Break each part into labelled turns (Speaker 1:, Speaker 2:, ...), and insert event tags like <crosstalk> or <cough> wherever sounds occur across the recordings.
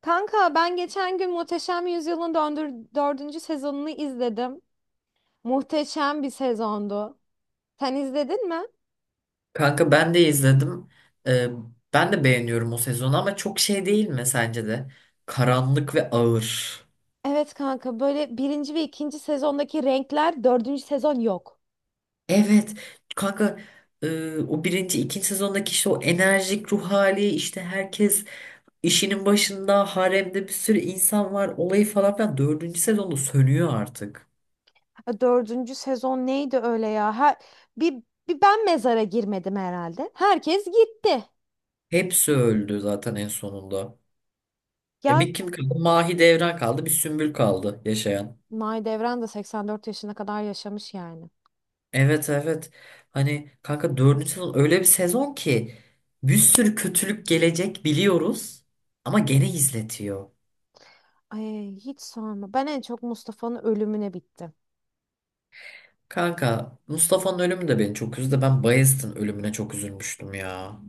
Speaker 1: Kanka ben geçen gün Muhteşem Yüzyıl'ın dördüncü sezonunu izledim. Muhteşem bir sezondu. Sen izledin mi?
Speaker 2: Kanka ben de izledim. Ee, Ben de beğeniyorum o sezonu ama çok şey değil mi sence de? Karanlık ve ağır.
Speaker 1: Evet kanka böyle birinci ve ikinci sezondaki renkler dördüncü sezon yok.
Speaker 2: Evet. Kanka o birinci, ikinci sezondaki işte o enerjik ruh hali işte herkes işinin başında haremde bir sürü insan var olayı falan filan. Dördüncü sezonda sönüyor artık.
Speaker 1: Ha, dördüncü sezon neydi öyle ya? Bir, bir ben mezara girmedim herhalde. Herkes gitti.
Speaker 2: Hepsi öldü zaten en sonunda. E
Speaker 1: Ya
Speaker 2: bir kim kaldı? Mahidevran kaldı. Bir Sümbül kaldı yaşayan.
Speaker 1: Mahidevran da 84 yaşına kadar yaşamış yani.
Speaker 2: Evet, evet. Hani kanka dördüncü sezon öyle bir sezon ki bir sürü kötülük gelecek biliyoruz ama gene izletiyor.
Speaker 1: Ay hiç sorma. Ben en çok Mustafa'nın ölümüne bittim.
Speaker 2: Kanka Mustafa'nın ölümü de beni çok üzdü. Ben Bayezid'in ölümüne çok üzülmüştüm ya.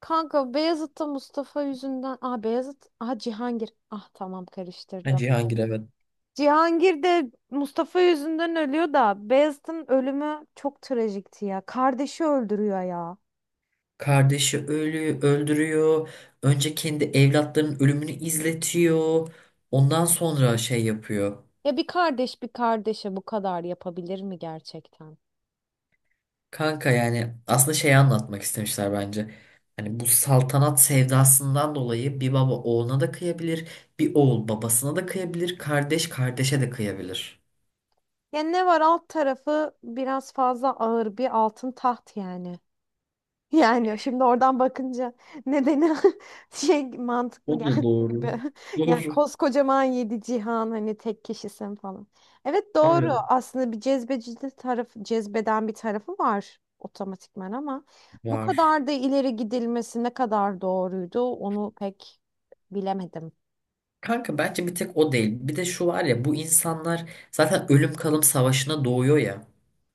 Speaker 1: Kanka Beyazıt'ta Mustafa yüzünden. Aa Beyazıt. Aa Cihangir. Ah tamam
Speaker 2: Ha,
Speaker 1: karıştırdım.
Speaker 2: Cihangir evet.
Speaker 1: Cihangir de Mustafa yüzünden ölüyor da Beyazıt'ın ölümü çok trajikti ya. Kardeşi öldürüyor ya.
Speaker 2: Kardeşi öldürüyor. Önce kendi evlatlarının ölümünü izletiyor. Ondan sonra şey yapıyor.
Speaker 1: Ya bir kardeş bir kardeşe bu kadar yapabilir mi gerçekten?
Speaker 2: Kanka yani aslında şeyi anlatmak istemişler bence. Hani bu saltanat sevdasından dolayı bir baba oğluna da kıyabilir, bir oğul babasına da kıyabilir, kardeş kardeşe de kıyabilir.
Speaker 1: Ya ne var alt tarafı biraz fazla ağır bir altın taht yani. Yani şimdi oradan bakınca nedeni <laughs> şey
Speaker 2: O
Speaker 1: mantıklı
Speaker 2: da
Speaker 1: geldi
Speaker 2: doğru.
Speaker 1: gibi. Yani
Speaker 2: Doğru.
Speaker 1: koskocaman yedi cihan hani tek kişisin falan. Evet doğru
Speaker 2: Evet.
Speaker 1: aslında bir cezbecilik tarafı cezbeden bir tarafı var otomatikman ama bu
Speaker 2: Var.
Speaker 1: kadar da ileri gidilmesi ne kadar doğruydu onu pek bilemedim.
Speaker 2: Kanka bence bir tek o değil. Bir de şu var ya bu insanlar zaten ölüm kalım savaşına doğuyor ya.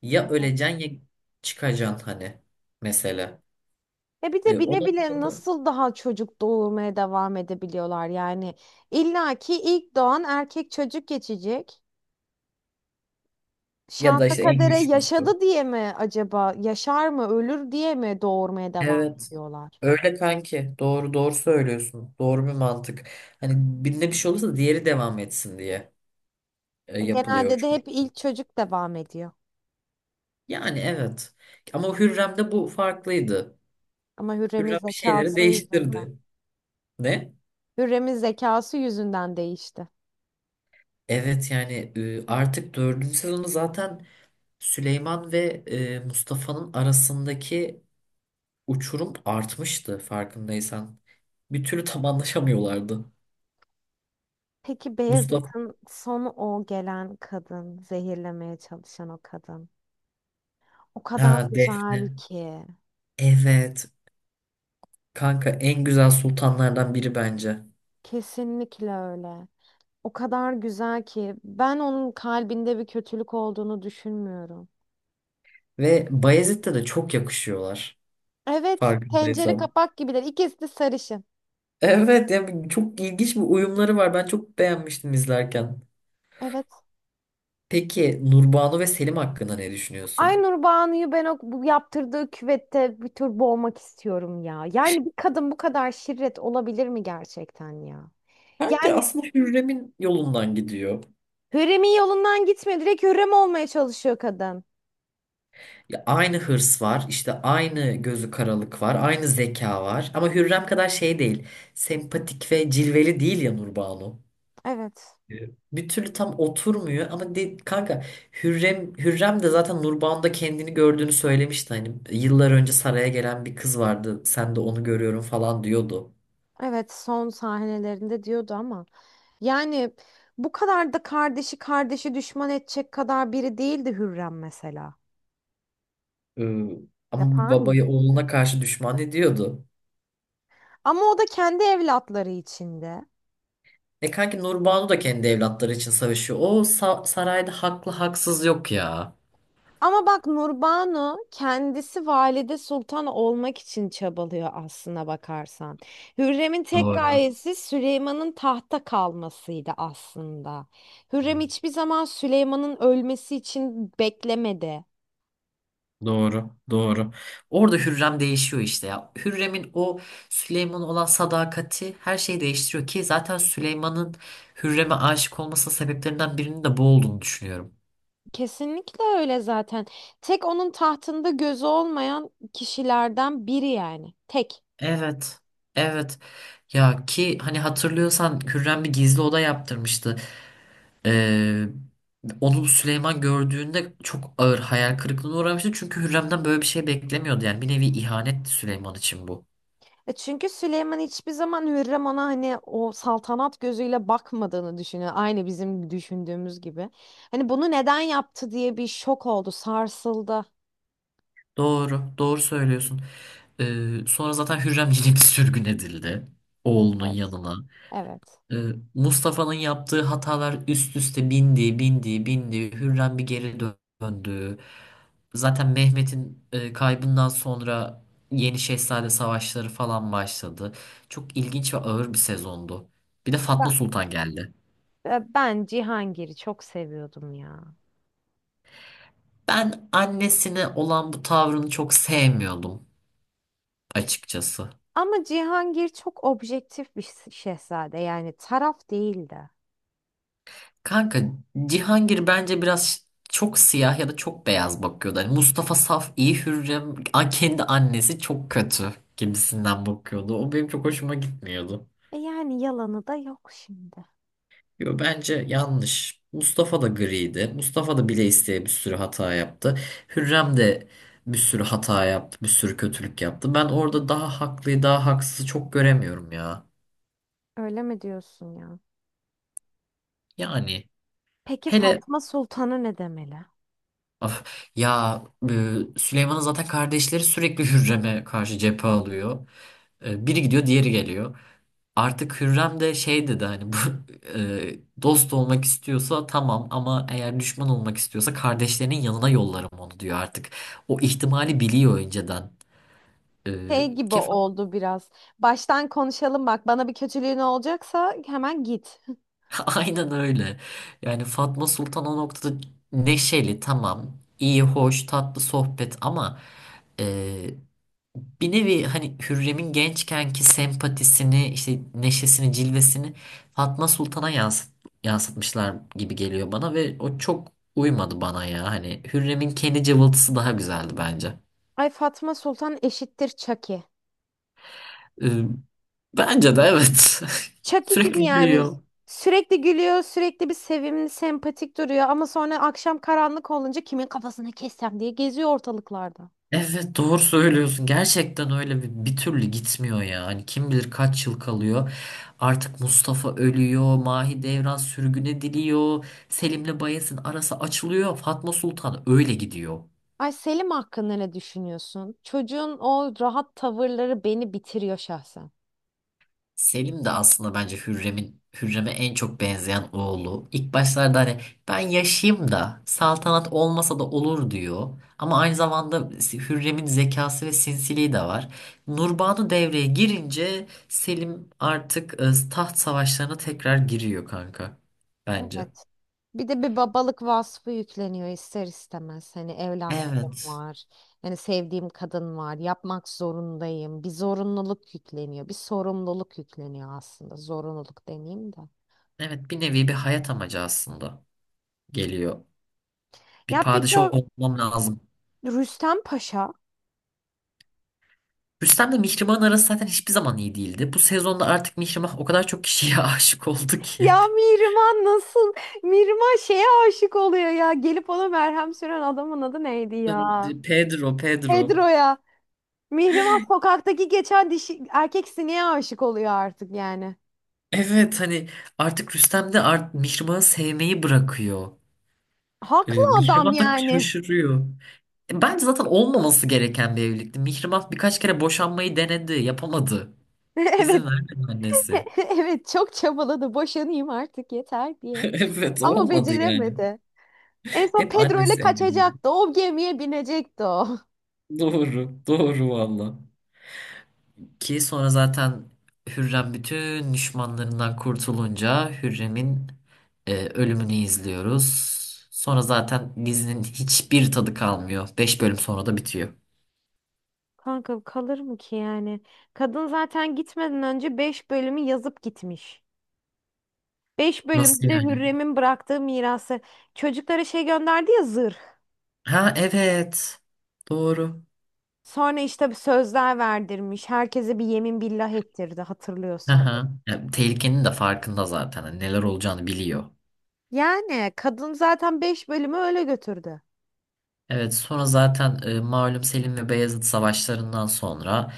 Speaker 2: Ya
Speaker 1: Evet.
Speaker 2: öleceksin ya çıkacaksın hani mesela.
Speaker 1: Ya bir
Speaker 2: E,
Speaker 1: de bile
Speaker 2: ona
Speaker 1: bile
Speaker 2: da
Speaker 1: nasıl daha çocuk doğurmaya devam edebiliyorlar yani? İlla ki ilk doğan erkek çocuk geçecek.
Speaker 2: ya da
Speaker 1: Şansa
Speaker 2: işte en
Speaker 1: kadere
Speaker 2: güçlüsü.
Speaker 1: yaşadı diye mi acaba? Yaşar mı, ölür diye mi doğurmaya devam
Speaker 2: Evet.
Speaker 1: ediyorlar?
Speaker 2: Öyle kanki. Doğru doğru söylüyorsun. Doğru bir mantık. Hani birinde bir şey olursa diğeri devam etsin diye
Speaker 1: Genelde
Speaker 2: yapılıyor
Speaker 1: de hep
Speaker 2: çünkü.
Speaker 1: ilk çocuk devam ediyor.
Speaker 2: Yani evet. Ama Hürrem'de bu farklıydı.
Speaker 1: Ama Hürrem'in
Speaker 2: Hürrem bir şeyleri
Speaker 1: zekası yüzünden.
Speaker 2: değiştirdi. Ne?
Speaker 1: Hürrem'in zekası yüzünden değişti.
Speaker 2: Evet yani artık dördüncü sezonu zaten Süleyman ve Mustafa'nın arasındaki uçurum artmıştı farkındaysan. Bir türlü tam anlaşamıyorlardı.
Speaker 1: Peki
Speaker 2: Mustafa,
Speaker 1: Beyazıt'ın sonu o gelen kadın, zehirlemeye çalışan o kadın. O kadar
Speaker 2: ha,
Speaker 1: güzel
Speaker 2: Defne.
Speaker 1: ki.
Speaker 2: Evet. Kanka en güzel sultanlardan biri bence.
Speaker 1: Kesinlikle öyle. O kadar güzel ki ben onun kalbinde bir kötülük olduğunu düşünmüyorum.
Speaker 2: Ve Bayezid'de de çok yakışıyorlar.
Speaker 1: Evet, tencere
Speaker 2: Farkındaysan.
Speaker 1: kapak gibiler. İkisi de sarışın.
Speaker 2: Evet yani çok ilginç bir uyumları var. Ben çok beğenmiştim izlerken.
Speaker 1: Evet.
Speaker 2: Peki Nurbanu ve Selim hakkında ne düşünüyorsun?
Speaker 1: Aynur Banu'yu ben o bu yaptırdığı küvette bir tür boğmak istiyorum ya. Yani bir kadın bu kadar şirret olabilir mi gerçekten ya?
Speaker 2: Kanka
Speaker 1: Yani
Speaker 2: aslında Hürrem'in yolundan gidiyor.
Speaker 1: Hürrem'in yolundan gitmiyor. Direkt Hürrem olmaya çalışıyor kadın.
Speaker 2: Ya aynı hırs var, işte aynı gözü karalık var, aynı zeka var. Ama Hürrem kadar şey değil. Sempatik ve cilveli değil ya Nurbanu.
Speaker 1: Evet.
Speaker 2: Bir türlü tam oturmuyor ama kanka Hürrem de zaten Nurban'da kendini gördüğünü söylemişti hani yıllar önce saraya gelen bir kız vardı sen de onu görüyorum falan diyordu.
Speaker 1: Evet, son sahnelerinde diyordu ama. Yani bu kadar da kardeşi düşman edecek kadar biri değildi Hürrem mesela.
Speaker 2: Ee, Ama bir
Speaker 1: Yapar mıydı?
Speaker 2: babaya oğluna karşı düşman ediyordu.
Speaker 1: Ama o da kendi evlatları içinde.
Speaker 2: E kanki Nurbanu da kendi evlatları için savaşıyor. O sarayda haklı haksız yok ya.
Speaker 1: Ama bak Nurbanu kendisi Valide Sultan olmak için çabalıyor aslına bakarsan. Hürrem'in tek
Speaker 2: Doğru.
Speaker 1: gayesi Süleyman'ın tahta kalmasıydı aslında. Hürrem hiçbir zaman Süleyman'ın ölmesi için beklemedi.
Speaker 2: Doğru, doğru. Orada Hürrem değişiyor işte ya. Hürrem'in o Süleyman'a olan sadakati her şeyi değiştiriyor ki zaten Süleyman'ın Hürrem'e aşık olması sebeplerinden birinin de bu olduğunu düşünüyorum.
Speaker 1: Kesinlikle öyle zaten. Tek onun tahtında gözü olmayan kişilerden biri yani. Tek.
Speaker 2: Evet. Evet. Ya ki hani hatırlıyorsan Hürrem bir gizli oda yaptırmıştı. Ee, Onu Süleyman gördüğünde çok ağır hayal kırıklığına uğramıştı. Çünkü Hürrem'den böyle bir şey beklemiyordu. Yani bir nevi ihanetti Süleyman için bu.
Speaker 1: E çünkü Süleyman hiçbir zaman Hürrem ona hani o saltanat gözüyle bakmadığını düşünüyor. Aynı bizim düşündüğümüz gibi. Hani bunu neden yaptı diye bir şok oldu, sarsıldı.
Speaker 2: Doğru, doğru söylüyorsun. Sonra zaten Hürrem yine bir sürgün edildi oğlunun
Speaker 1: Evet.
Speaker 2: yanına.
Speaker 1: Evet.
Speaker 2: Ee, Mustafa'nın yaptığı hatalar üst üste bindi, bindi, bindi. Hürrem bir geri döndü. Zaten Mehmet'in kaybından sonra Yeni Şehzade savaşları falan başladı. Çok ilginç ve ağır bir sezondu. Bir de Fatma
Speaker 1: Ben,
Speaker 2: Sultan geldi.
Speaker 1: ben Cihangir'i çok seviyordum ya.
Speaker 2: Ben annesine olan bu tavrını çok sevmiyordum açıkçası.
Speaker 1: Ama Cihangir çok objektif bir şehzade yani taraf değildi.
Speaker 2: Kanka Cihangir bence biraz çok siyah ya da çok beyaz bakıyordu. Hani Mustafa Saf iyi Hürrem kendi annesi çok kötü gibisinden bakıyordu. O benim çok hoşuma gitmiyordu.
Speaker 1: E yani yalanı da yok şimdi.
Speaker 2: Yo, bence yanlış. Mustafa da griydi. Mustafa da bile isteye bir sürü hata yaptı. Hürrem de bir sürü hata yaptı, bir sürü kötülük yaptı. Ben orada daha haklıyı, daha haksızı çok göremiyorum ya.
Speaker 1: Öyle mi diyorsun ya?
Speaker 2: Yani
Speaker 1: Peki
Speaker 2: hele
Speaker 1: Fatma Sultan'ı ne demeli?
Speaker 2: of. Ya Süleyman'ın zaten kardeşleri sürekli Hürrem'e karşı cephe alıyor. E, biri gidiyor, diğeri geliyor. Artık Hürrem de şey dedi hani bu <laughs> dost olmak istiyorsa tamam ama eğer düşman olmak istiyorsa kardeşlerinin yanına yollarım onu diyor artık. O ihtimali biliyor önceden. E,
Speaker 1: Şey gibi
Speaker 2: ki <laughs>
Speaker 1: oldu biraz. Baştan konuşalım bak. Bana bir kötülüğün olacaksa hemen git.
Speaker 2: aynen öyle. Yani Fatma Sultan o noktada neşeli tamam, iyi, hoş, tatlı sohbet ama bir nevi hani Hürrem'in gençkenki sempatisini, işte neşesini, cilvesini Fatma Sultan'a yansıtmışlar gibi geliyor bana ve o çok uymadı bana ya. Hani Hürrem'in kendi cıvıltısı daha güzeldi bence.
Speaker 1: Ay Fatma Sultan eşittir Çaki.
Speaker 2: Ee, Bence de evet. <laughs>
Speaker 1: Çaki gibi
Speaker 2: Sürekli
Speaker 1: yani.
Speaker 2: gülüyor.
Speaker 1: Sürekli gülüyor, sürekli bir sevimli, sempatik duruyor ama sonra akşam karanlık olunca kimin kafasını kessem diye geziyor ortalıklarda.
Speaker 2: Evet doğru söylüyorsun. Gerçekten öyle bir türlü gitmiyor ya. Hani kim bilir kaç yıl kalıyor. Artık Mustafa ölüyor. Mahidevran sürgüne diliyor. Selim'le Bayez'in arası açılıyor. Fatma Sultan öyle gidiyor.
Speaker 1: Ay Selim hakkında ne düşünüyorsun? Çocuğun o rahat tavırları beni bitiriyor şahsen.
Speaker 2: Selim de aslında bence Hürrem'e en çok benzeyen oğlu. İlk başlarda hani ben yaşayayım da saltanat olmasa da olur diyor. Ama aynı zamanda Hürrem'in zekası ve sinsiliği de var. Nurbanu devreye girince Selim artık taht savaşlarına tekrar giriyor kanka. Bence.
Speaker 1: Evet. Bir de bir babalık vasfı yükleniyor ister istemez. Hani evlatlığım
Speaker 2: Evet.
Speaker 1: var. Hani sevdiğim kadın var. Yapmak zorundayım. Bir zorunluluk yükleniyor. Bir sorumluluk yükleniyor aslında. Zorunluluk demeyeyim de.
Speaker 2: Evet bir nevi bir hayat amacı aslında geliyor. Bir
Speaker 1: Ya peki
Speaker 2: padişah
Speaker 1: o
Speaker 2: olmam lazım.
Speaker 1: Rüstem Paşa?
Speaker 2: Rüstem'le Mihrimah'ın arası zaten hiçbir zaman iyi değildi. Bu sezonda artık Mihrimah o kadar çok kişiye <laughs> aşık oldu ki.
Speaker 1: Ya Mihrimah nasıl? Mihrimah şeye aşık oluyor ya. Gelip ona merhem süren adamın adı neydi ya?
Speaker 2: Pedro, Pedro.
Speaker 1: Pedro'ya. Mihrimah sokaktaki geçen dişi, erkek sineğe aşık oluyor artık yani.
Speaker 2: Evet hani artık Rüstem de Mihrimah'ı sevmeyi bırakıyor.
Speaker 1: Haklı adam
Speaker 2: Mihrimah da
Speaker 1: yani.
Speaker 2: şaşırıyor. E, bence zaten olmaması gereken bir evlilikti. Mihrimah birkaç kere boşanmayı denedi, yapamadı.
Speaker 1: <laughs> Evet.
Speaker 2: İzin vermedi annesi. <laughs>
Speaker 1: <laughs> Evet çok çabaladı boşanayım artık yeter diye.
Speaker 2: Evet
Speaker 1: Ama
Speaker 2: olmadı yani.
Speaker 1: beceremedi. En son
Speaker 2: Hep
Speaker 1: Pedro ile
Speaker 2: annesi engel oldu.
Speaker 1: kaçacaktı. O gemiye binecekti o. <laughs>
Speaker 2: Doğru, doğru valla. Ki sonra zaten Hürrem bütün düşmanlarından kurtulunca Hürrem'in ölümünü izliyoruz. Sonra zaten dizinin hiçbir tadı kalmıyor. 5 bölüm sonra da bitiyor.
Speaker 1: Kanka kalır mı ki yani? Kadın zaten gitmeden önce 5 bölümü yazıp gitmiş. 5
Speaker 2: Nasıl
Speaker 1: bölümde de
Speaker 2: yani?
Speaker 1: Hürrem'in bıraktığı mirası. Çocuklara şey gönderdi ya zırh.
Speaker 2: Ha evet. Doğru.
Speaker 1: Sonra işte bir sözler verdirmiş. Herkese bir yemin billah ettirdi
Speaker 2: Hı
Speaker 1: hatırlıyorsan.
Speaker 2: hı. Ya, tehlikenin de farkında zaten. Hani neler olacağını biliyor.
Speaker 1: Yani kadın zaten 5 bölümü öyle götürdü.
Speaker 2: Evet sonra zaten malum Selim ve Beyazıt savaşlarından sonra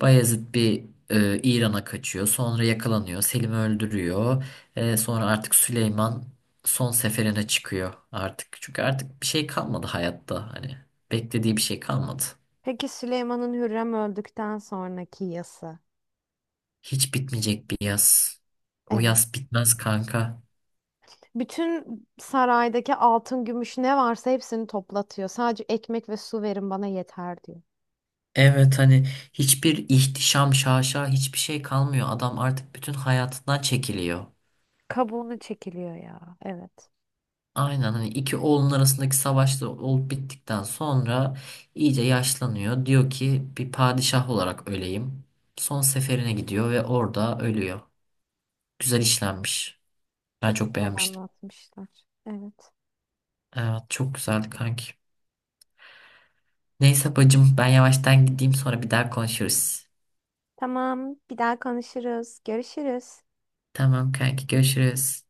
Speaker 2: Bayezid bir İran'a kaçıyor. Sonra yakalanıyor. Selim'i öldürüyor. Sonra artık Süleyman son seferine çıkıyor artık. Çünkü artık bir şey kalmadı hayatta. Hani beklediği bir şey kalmadı.
Speaker 1: Peki Süleyman'ın Hürrem öldükten sonraki yası.
Speaker 2: Hiç bitmeyecek bir yaz. O
Speaker 1: Evet.
Speaker 2: yaz bitmez kanka.
Speaker 1: Bütün saraydaki altın, gümüş ne varsa hepsini toplatıyor. Sadece ekmek ve su verin bana yeter diyor.
Speaker 2: Evet hani hiçbir ihtişam, şaşa hiçbir şey kalmıyor. Adam artık bütün hayatından çekiliyor.
Speaker 1: Kabuğunu çekiliyor ya. Evet.
Speaker 2: Aynen hani iki oğlun arasındaki savaş da olup bittikten sonra iyice yaşlanıyor. Diyor ki bir padişah olarak öleyim. Son seferine gidiyor ve orada ölüyor. Güzel işlenmiş. Ben
Speaker 1: Çok
Speaker 2: çok
Speaker 1: güzel
Speaker 2: beğenmiştim.
Speaker 1: anlatmışlar. Evet.
Speaker 2: Evet çok güzeldi kanki. Neyse bacım ben yavaştan gideyim sonra bir daha konuşuruz.
Speaker 1: Tamam. Bir daha konuşuruz. Görüşürüz.
Speaker 2: Tamam kanki görüşürüz.